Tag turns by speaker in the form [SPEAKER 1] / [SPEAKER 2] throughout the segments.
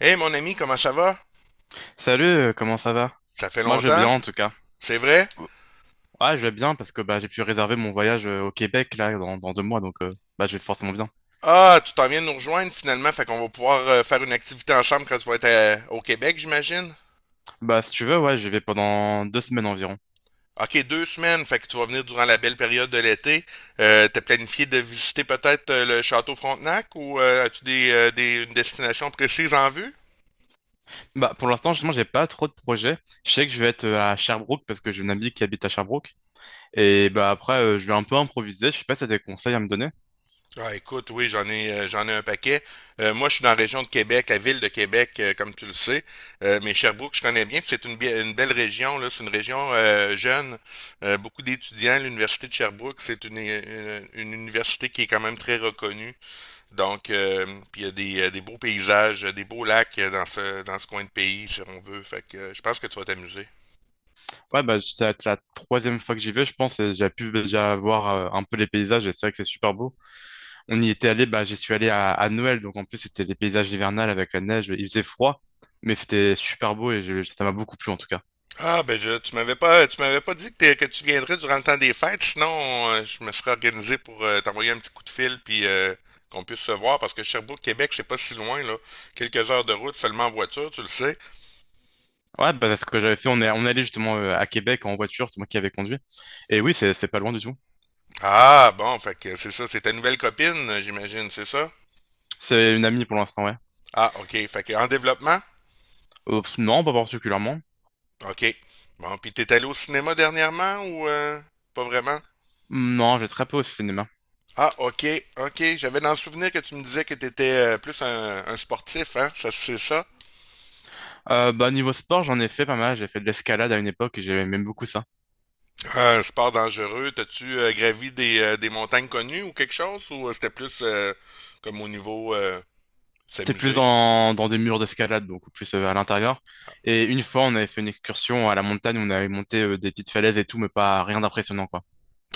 [SPEAKER 1] Hey, mon ami, comment ça va?
[SPEAKER 2] Salut, comment ça va?
[SPEAKER 1] Ça fait
[SPEAKER 2] Moi je vais bien
[SPEAKER 1] longtemps?
[SPEAKER 2] en tout cas.
[SPEAKER 1] C'est vrai?
[SPEAKER 2] Ouais, je vais bien parce que bah, j'ai pu réserver mon voyage au Québec là dans 2 mois donc bah, je vais forcément bien.
[SPEAKER 1] Ah, tu t'en viens de nous rejoindre finalement, fait qu'on va pouvoir faire une activité en chambre quand tu vas être au Québec, j'imagine?
[SPEAKER 2] Bah si tu veux, ouais, je vais pendant 2 semaines environ.
[SPEAKER 1] Ok, 2 semaines, fait que tu vas venir durant la belle période de l'été. T'as planifié de visiter peut-être le château Frontenac ou as-tu une destination précise en vue?
[SPEAKER 2] Bah pour l'instant, justement, j'ai pas trop de projets. Je sais que je vais être à Sherbrooke parce que j'ai une amie qui habite à Sherbrooke. Et bah après, je vais un peu improviser. Je sais pas si t'as des conseils à me donner.
[SPEAKER 1] Ah, écoute, oui, j'en ai un paquet. Moi, je suis dans la région de Québec, la ville de Québec, comme tu le sais. Mais Sherbrooke, je connais bien, puis c'est une belle région, là. C'est une région jeune. Beaucoup d'étudiants. L'université de Sherbrooke, c'est une université qui est quand même très reconnue. Donc, puis il y a des beaux paysages, des beaux lacs dans dans ce coin de pays, si on veut. Fait que je pense que tu vas t'amuser.
[SPEAKER 2] Ouais, bah ça va être la troisième fois que j'y vais, je pense, et j'ai pu déjà voir un peu les paysages et c'est vrai que c'est super beau. On y était allé, bah, j'y suis allé à Noël, donc en plus c'était des paysages hivernales avec la neige, il faisait froid, mais c'était super beau et ça m'a beaucoup plu en tout cas.
[SPEAKER 1] Ah, ben, je, tu m'avais pas dit que, que tu viendrais durant le temps des fêtes, sinon je me serais organisé pour t'envoyer un petit coup de fil puis qu'on puisse se voir parce que Sherbrooke, Québec, c'est pas si loin là, quelques heures de route seulement en voiture, tu le sais.
[SPEAKER 2] Ouais, bah, c'est ce que j'avais fait, on est allé justement à Québec en voiture, c'est moi qui avais conduit. Et oui, c'est pas loin du tout.
[SPEAKER 1] Ah, bon, fait que c'est ça, c'est ta nouvelle copine, j'imagine, c'est ça?
[SPEAKER 2] C'est une amie pour l'instant, ouais.
[SPEAKER 1] Ah, ok, fait que en développement?
[SPEAKER 2] Pff, non, pas particulièrement.
[SPEAKER 1] Ok. Bon, puis t'es allé au cinéma dernièrement ou pas vraiment?
[SPEAKER 2] Non, j'ai très peu au cinéma.
[SPEAKER 1] Ah, ok, ok. J'avais dans le souvenir que tu me disais que t'étais plus un sportif, hein? Ça, c'est ça?
[SPEAKER 2] Bah, niveau sport, j'en ai fait pas mal. J'ai fait de l'escalade à une époque et j'aimais même beaucoup ça.
[SPEAKER 1] Un sport dangereux, t'as-tu gravi des montagnes connues ou quelque chose? Ou c'était plus comme au niveau
[SPEAKER 2] C'était plus
[SPEAKER 1] s'amuser?
[SPEAKER 2] dans des murs d'escalade, donc plus à l'intérieur. Et une fois, on avait fait une excursion à la montagne où on avait monté des petites falaises et tout, mais pas rien d'impressionnant, quoi.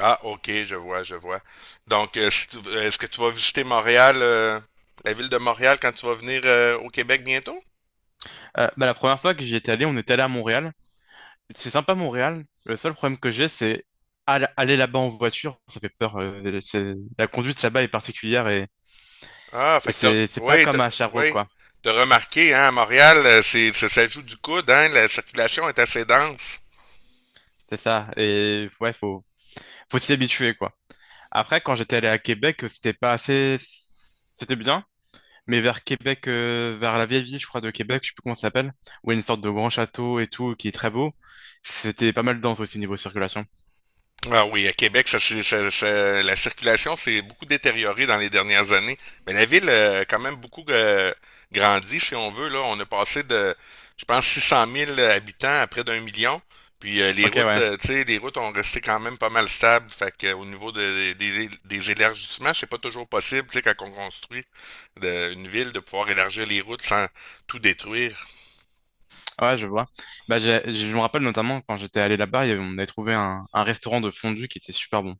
[SPEAKER 1] Ah, ok, je vois, je vois. Donc, si tu- est-ce que tu vas visiter Montréal, la ville de Montréal, quand tu vas venir au Québec bientôt?
[SPEAKER 2] Bah, la première fois que j'y étais allé, on était allé à Montréal. C'est sympa, Montréal. Le seul problème que j'ai, c'est aller là-bas en voiture, ça fait peur. La conduite là-bas est particulière, et,
[SPEAKER 1] Ah,
[SPEAKER 2] et
[SPEAKER 1] fait que t'as,
[SPEAKER 2] c'est pas
[SPEAKER 1] oui, t'as,
[SPEAKER 2] comme à Sherbrooke,
[SPEAKER 1] oui,
[SPEAKER 2] quoi.
[SPEAKER 1] t'as remarqué, hein, à Montréal, c'est, ça joue du coude, hein, la circulation est assez dense.
[SPEAKER 2] C'est ça. Et ouais, faut s'y habituer, quoi. Après, quand j'étais allé à Québec, c'était pas assez, c'était bien, mais vers Québec, vers la vieille ville, je crois, de Québec, je sais plus comment ça s'appelle, où il y a une sorte de grand château et tout, qui est très beau. C'était pas mal dense aussi niveau circulation.
[SPEAKER 1] Ah oui, à Québec, ça, c'est- ça- ça- la circulation s'est beaucoup détériorée dans les dernières années. Mais la ville a quand même beaucoup grandi, si on veut. Là, on a passé de, je pense, 600 000 habitants à près d'1 million. Puis les
[SPEAKER 2] Ok,
[SPEAKER 1] routes,
[SPEAKER 2] ouais,
[SPEAKER 1] tu sais, les routes ont resté quand même pas mal stables. Fait que, au niveau des élargissements, c'est pas toujours possible, tu sais, quand on construit une ville, de pouvoir élargir les routes sans tout détruire.
[SPEAKER 2] ouais, je vois. Bah, je me rappelle notamment quand j'étais allé là-bas, on avait trouvé un restaurant de fondue qui était super bon.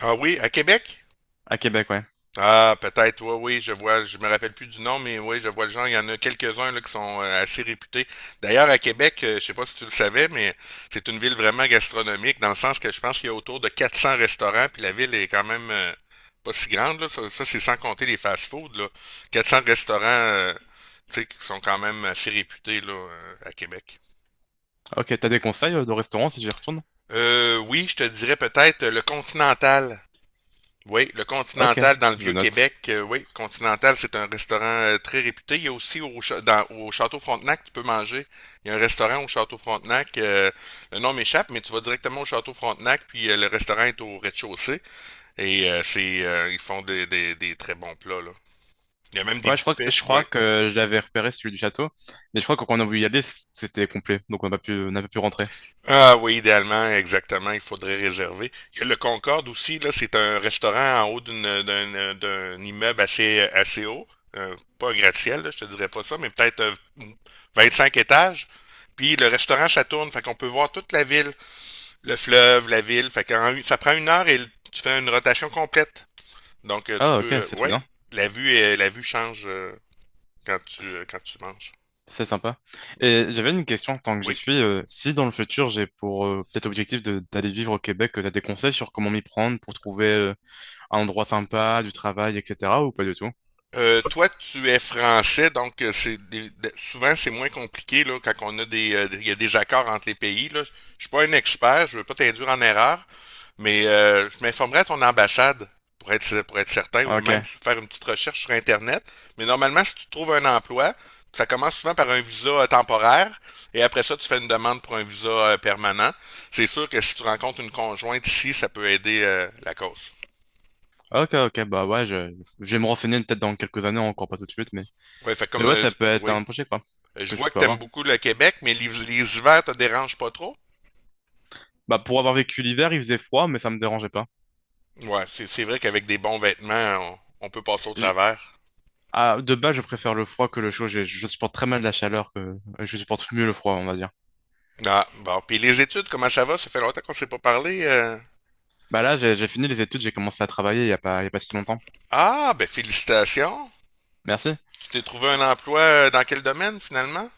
[SPEAKER 1] Ah oui, à Québec?
[SPEAKER 2] À Québec, ouais.
[SPEAKER 1] Ah, peut-être, oui, oui, je vois, je me rappelle plus du nom, mais oui, je vois le genre, il y en a quelques-uns là, qui sont assez réputés. D'ailleurs, à Québec, je sais pas si tu le savais, mais c'est une ville vraiment gastronomique, dans le sens que je pense qu'il y a autour de 400 restaurants, puis la ville est quand même pas si grande, là. Ça, c'est sans compter les fast-foods, là. Quatre cents restaurants, tu sais, qui sont quand même assez réputés, là, à Québec.
[SPEAKER 2] Ok, t'as des conseils de restaurants si j'y retourne?
[SPEAKER 1] Oui, je te dirais peut-être le Continental. Oui, le
[SPEAKER 2] Ok,
[SPEAKER 1] Continental dans le
[SPEAKER 2] je note.
[SPEAKER 1] Vieux-Québec. Oui, Continental, c'est un restaurant très réputé. Il y a aussi au Château Frontenac, tu peux manger. Il y a un restaurant au Château Frontenac. Le nom m'échappe, mais tu vas directement au Château Frontenac, puis le restaurant est au rez-de-chaussée. Et ils font des très bons plats, là. Il y a même des
[SPEAKER 2] Ouais, je crois que,
[SPEAKER 1] buffets.
[SPEAKER 2] je
[SPEAKER 1] Oui.
[SPEAKER 2] crois que je l'avais repéré celui du château, mais je crois que quand on a voulu y aller, c'était complet, donc on n'a pas pu rentrer.
[SPEAKER 1] Ah oui, idéalement, exactement, il faudrait réserver. Il y a le Concorde aussi, là, c'est un restaurant en haut d'un immeuble assez haut. Pas un gratte-ciel, là, je te dirais pas ça, mais peut-être 25 étages. Puis le restaurant, ça tourne, fait qu'on peut voir toute la ville, le fleuve, la ville. Fait ça prend une heure et tu fais une rotation complète. Donc tu
[SPEAKER 2] Ah ok,
[SPEAKER 1] peux,
[SPEAKER 2] c'est trop
[SPEAKER 1] ouais,
[SPEAKER 2] bien,
[SPEAKER 1] la vue change quand tu manges.
[SPEAKER 2] c'est sympa. Et j'avais une question tant que j'y
[SPEAKER 1] Oui.
[SPEAKER 2] suis, si dans le futur j'ai pour peut-être objectif d'aller vivre au Québec, tu as des conseils sur comment m'y prendre pour trouver un endroit sympa, du travail, etc. ou pas du tout?
[SPEAKER 1] Toi, tu es français, donc souvent c'est moins compliqué là, quand on a des, il y a des accords entre les pays. Là. Je suis pas un expert, je veux pas t'induire en erreur, mais je m'informerai à ton ambassade pour être certain, ou
[SPEAKER 2] Ok,
[SPEAKER 1] même faire une petite recherche sur Internet. Mais normalement, si tu trouves un emploi, ça commence souvent par un visa temporaire, et après ça, tu fais une demande pour un visa permanent. C'est sûr que si tu rencontres une conjointe ici, ça peut aider la cause.
[SPEAKER 2] ok, ok, bah ouais, je vais me renseigner peut-être dans quelques années, encore pas tout de suite, mais,
[SPEAKER 1] Ouais, fait
[SPEAKER 2] mais
[SPEAKER 1] comme
[SPEAKER 2] ouais, ça peut être
[SPEAKER 1] oui.
[SPEAKER 2] un projet quoi,
[SPEAKER 1] Je
[SPEAKER 2] que je
[SPEAKER 1] vois que
[SPEAKER 2] peux
[SPEAKER 1] t'aimes
[SPEAKER 2] avoir.
[SPEAKER 1] beaucoup le Québec, mais les hivers te dérangent pas trop?
[SPEAKER 2] Bah pour avoir vécu l'hiver, il faisait froid, mais ça me dérangeait pas.
[SPEAKER 1] Ouais, c'est vrai qu'avec des bons vêtements, on peut passer au
[SPEAKER 2] Je-
[SPEAKER 1] travers.
[SPEAKER 2] ah, de base, je préfère le froid que le chaud, je supporte très mal la chaleur, que je supporte mieux le froid, on va dire.
[SPEAKER 1] Ah, bon. Puis les études, comment ça va? Ça fait longtemps qu'on s'est pas parlé.
[SPEAKER 2] Bah là, j'ai fini les études, j'ai commencé à travailler il y a pas si longtemps.
[SPEAKER 1] Ah, ben félicitations.
[SPEAKER 2] Merci.
[SPEAKER 1] Tu t'es trouvé un emploi dans quel domaine finalement?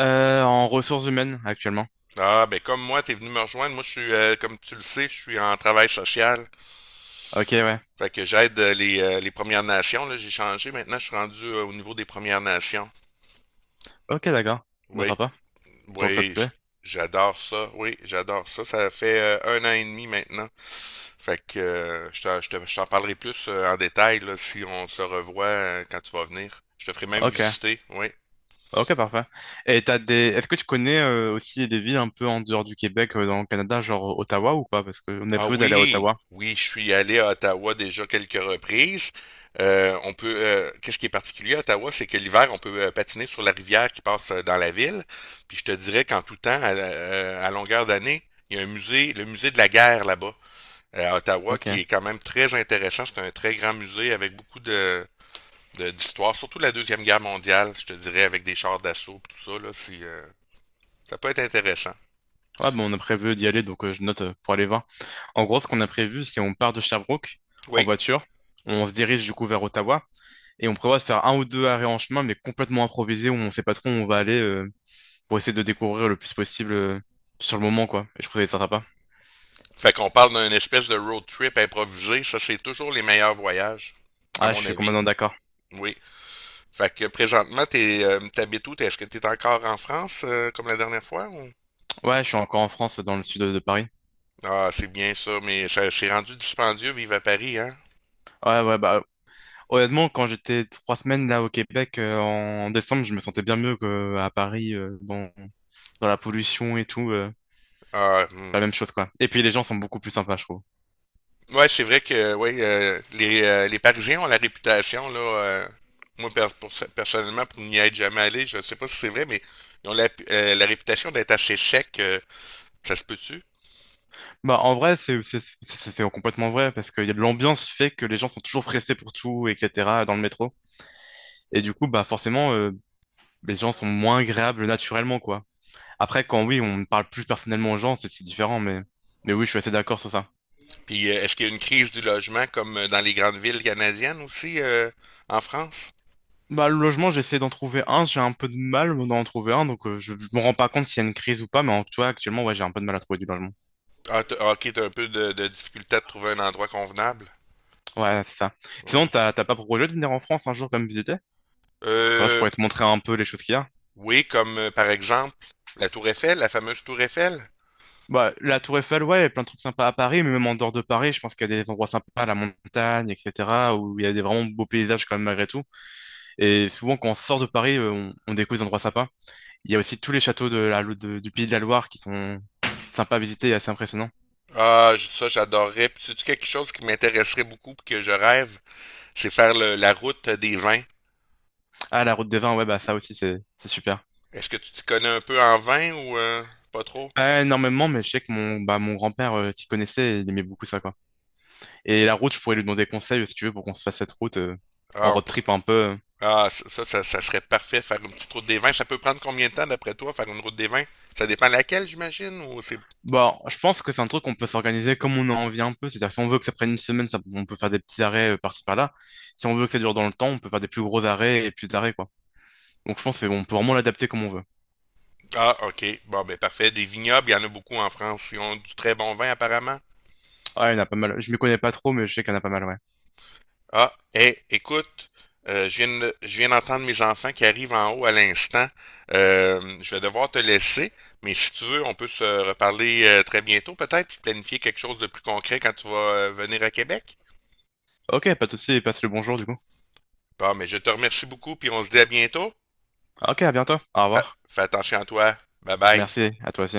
[SPEAKER 2] En ressources humaines actuellement.
[SPEAKER 1] Ah, ben comme moi, t'es venu me rejoindre. Moi, je suis, comme tu le sais, je suis en travail social.
[SPEAKER 2] Ok, ouais.
[SPEAKER 1] Fait que j'aide les Premières Nations. Là, j'ai changé. Maintenant, je suis rendu au niveau des Premières Nations.
[SPEAKER 2] Ok, d'accord. Bah
[SPEAKER 1] Oui,
[SPEAKER 2] sympa. Donc ça te
[SPEAKER 1] oui,
[SPEAKER 2] plaît.
[SPEAKER 1] j'adore ça. Oui, j'adore ça. Ça fait un an et demi maintenant. Fait que je t'en parlerai plus en détail là, si on se revoit quand tu vas venir. Je te ferai même
[SPEAKER 2] Ok.
[SPEAKER 1] visiter, oui.
[SPEAKER 2] Ok, parfait. Est-ce que tu connais aussi des villes un peu en dehors du Québec, dans le Canada, genre Ottawa ou pas? Parce qu'on a
[SPEAKER 1] Ah
[SPEAKER 2] prévu d'aller à
[SPEAKER 1] oui,
[SPEAKER 2] Ottawa.
[SPEAKER 1] oui, je suis allé à Ottawa déjà quelques reprises. On peut, qu'est-ce qui est particulier à Ottawa, c'est que l'hiver, on peut patiner sur la rivière qui passe dans la ville. Puis je te dirais qu'en tout temps, à longueur d'année, il y a un musée, le musée de la guerre là-bas. À Ottawa, qui
[SPEAKER 2] Ok.
[SPEAKER 1] est quand même très intéressant. C'est un très grand musée avec beaucoup de d'histoire, surtout la Deuxième Guerre mondiale, je te dirais, avec des chars d'assaut et tout ça, là, ça peut être intéressant.
[SPEAKER 2] Ouais, bon, on a prévu d'y aller, donc je note pour aller voir. En gros, ce qu'on a prévu, c'est on part de Sherbrooke en
[SPEAKER 1] Oui.
[SPEAKER 2] voiture. On se dirige du coup vers Ottawa et on prévoit de faire un ou deux arrêts en chemin, mais complètement improvisés où on sait pas trop où on va aller. Pour essayer de découvrir le plus possible sur le moment, quoi. Et je trouvais ça sympa.
[SPEAKER 1] Fait qu'on parle d'une espèce de road trip improvisé, ça c'est toujours les meilleurs voyages, à
[SPEAKER 2] Ah, je
[SPEAKER 1] mon
[SPEAKER 2] suis
[SPEAKER 1] avis.
[SPEAKER 2] complètement d'accord.
[SPEAKER 1] Oui. Fait que présentement, t'habites où? Est-ce que t'es encore en France, comme la dernière fois, ou?
[SPEAKER 2] Ouais, je suis encore en France, dans le sud de Paris.
[SPEAKER 1] Ah, c'est bien ça, mais ça, c'est rendu dispendieux, vivre à Paris, hein?
[SPEAKER 2] Ouais, ouais, bah, honnêtement, quand j'étais 3 semaines là au Québec en décembre, je me sentais bien mieux qu'à Paris, dans la pollution et tout.
[SPEAKER 1] Ah, hmm.
[SPEAKER 2] La même chose, quoi. Et puis les gens sont beaucoup plus sympas, je trouve.
[SPEAKER 1] Ouais, c'est vrai que ouais, les Parisiens ont la réputation, là. Moi, personnellement, pour n'y être jamais allé, je ne sais pas si c'est vrai, mais ils ont la, la réputation d'être assez secs. Ça se peut-tu?
[SPEAKER 2] Bah, en vrai, c'est complètement vrai, parce que y a de l'ambiance fait que les gens sont toujours pressés pour tout, etc., dans le métro. Et du coup, bah, forcément, les gens sont moins agréables naturellement, quoi. Après, quand oui, on parle plus personnellement aux gens, c'est différent, mais oui, je suis assez d'accord sur ça.
[SPEAKER 1] Puis, est-ce qu'il y a une crise du logement comme dans les grandes villes canadiennes aussi, en France?
[SPEAKER 2] Bah, le logement, j'essaie d'en trouver un, j'ai un peu de mal d'en trouver un, donc je me rends pas compte s'il y a une crise ou pas, mais en tout cas, actuellement, ouais, j'ai un peu de mal à trouver du logement.
[SPEAKER 1] Ah, ok, t'as un peu de difficulté à te trouver un endroit convenable.
[SPEAKER 2] Ouais, c'est ça. Sinon,
[SPEAKER 1] Ouais.
[SPEAKER 2] t'as pas pour projet de venir en France un jour comme visiter? Quand je
[SPEAKER 1] Euh,
[SPEAKER 2] pourrais te montrer un peu les choses qu'il y a.
[SPEAKER 1] oui, comme par exemple la Tour Eiffel, la fameuse Tour Eiffel.
[SPEAKER 2] Bah, la Tour Eiffel, ouais, il y a plein de trucs sympas à Paris, mais même en dehors de Paris, je pense qu'il y a des endroits sympas, la montagne, etc., où il y a des vraiment beaux paysages quand même malgré tout. Et souvent, quand on sort de Paris, on découvre des endroits sympas. Il y a aussi tous les châteaux de la, Lo- de- du Pays de la Loire qui sont sympas à visiter et assez impressionnants.
[SPEAKER 1] Ah, ça, j'adorerais. Puis, sais-tu quelque chose qui m'intéresserait beaucoup puis que je rêve, c'est faire la route des vins.
[SPEAKER 2] Ah, la Route des Vins, ouais, bah ça aussi, c'est super.
[SPEAKER 1] Est-ce que tu t'y connais un peu en vin ou pas trop?
[SPEAKER 2] Pas énormément, mais je sais que mon grand-père s'y connaissait et il aimait beaucoup ça, quoi. Et la route, je pourrais lui demander conseil, si tu veux, pour qu'on se fasse cette route en
[SPEAKER 1] Ah, on
[SPEAKER 2] road
[SPEAKER 1] pr-
[SPEAKER 2] trip un peu.
[SPEAKER 1] ah, ça serait parfait, faire une petite route des vins. Ça peut prendre combien de temps, d'après toi, faire une route des vins? Ça dépend laquelle, j'imagine, ou c'est...
[SPEAKER 2] Bon, je pense que c'est un truc qu'on peut s'organiser comme on a envie un peu. C'est-à-dire, que si on veut que ça prenne une semaine, on peut faire des petits arrêts par-ci par-là. Si on veut que ça dure dans le temps, on peut faire des plus gros arrêts et plus d'arrêts, quoi. Donc, je pense qu'on peut vraiment l'adapter comme on veut.
[SPEAKER 1] Ah, ok. Bon, ben parfait. Des vignobles, il y en a beaucoup en France. Ils ont du très bon vin, apparemment.
[SPEAKER 2] Ah, il y en a pas mal. Je m'y connais pas trop, mais je sais qu'il y en a pas mal, ouais.
[SPEAKER 1] Ah, hé, écoute, je viens d'entendre mes enfants qui arrivent en haut à l'instant. Je vais devoir te laisser, mais si tu veux, on peut se reparler très bientôt peut-être, puis planifier quelque chose de plus concret quand tu vas venir à Québec.
[SPEAKER 2] Ok, pas de souci, passe le bonjour du coup.
[SPEAKER 1] Bon, mais je te remercie beaucoup, puis on se dit à bientôt.
[SPEAKER 2] Ok, à bientôt. Au revoir.
[SPEAKER 1] Fais attention à toi. Bye bye.
[SPEAKER 2] Merci, à toi aussi.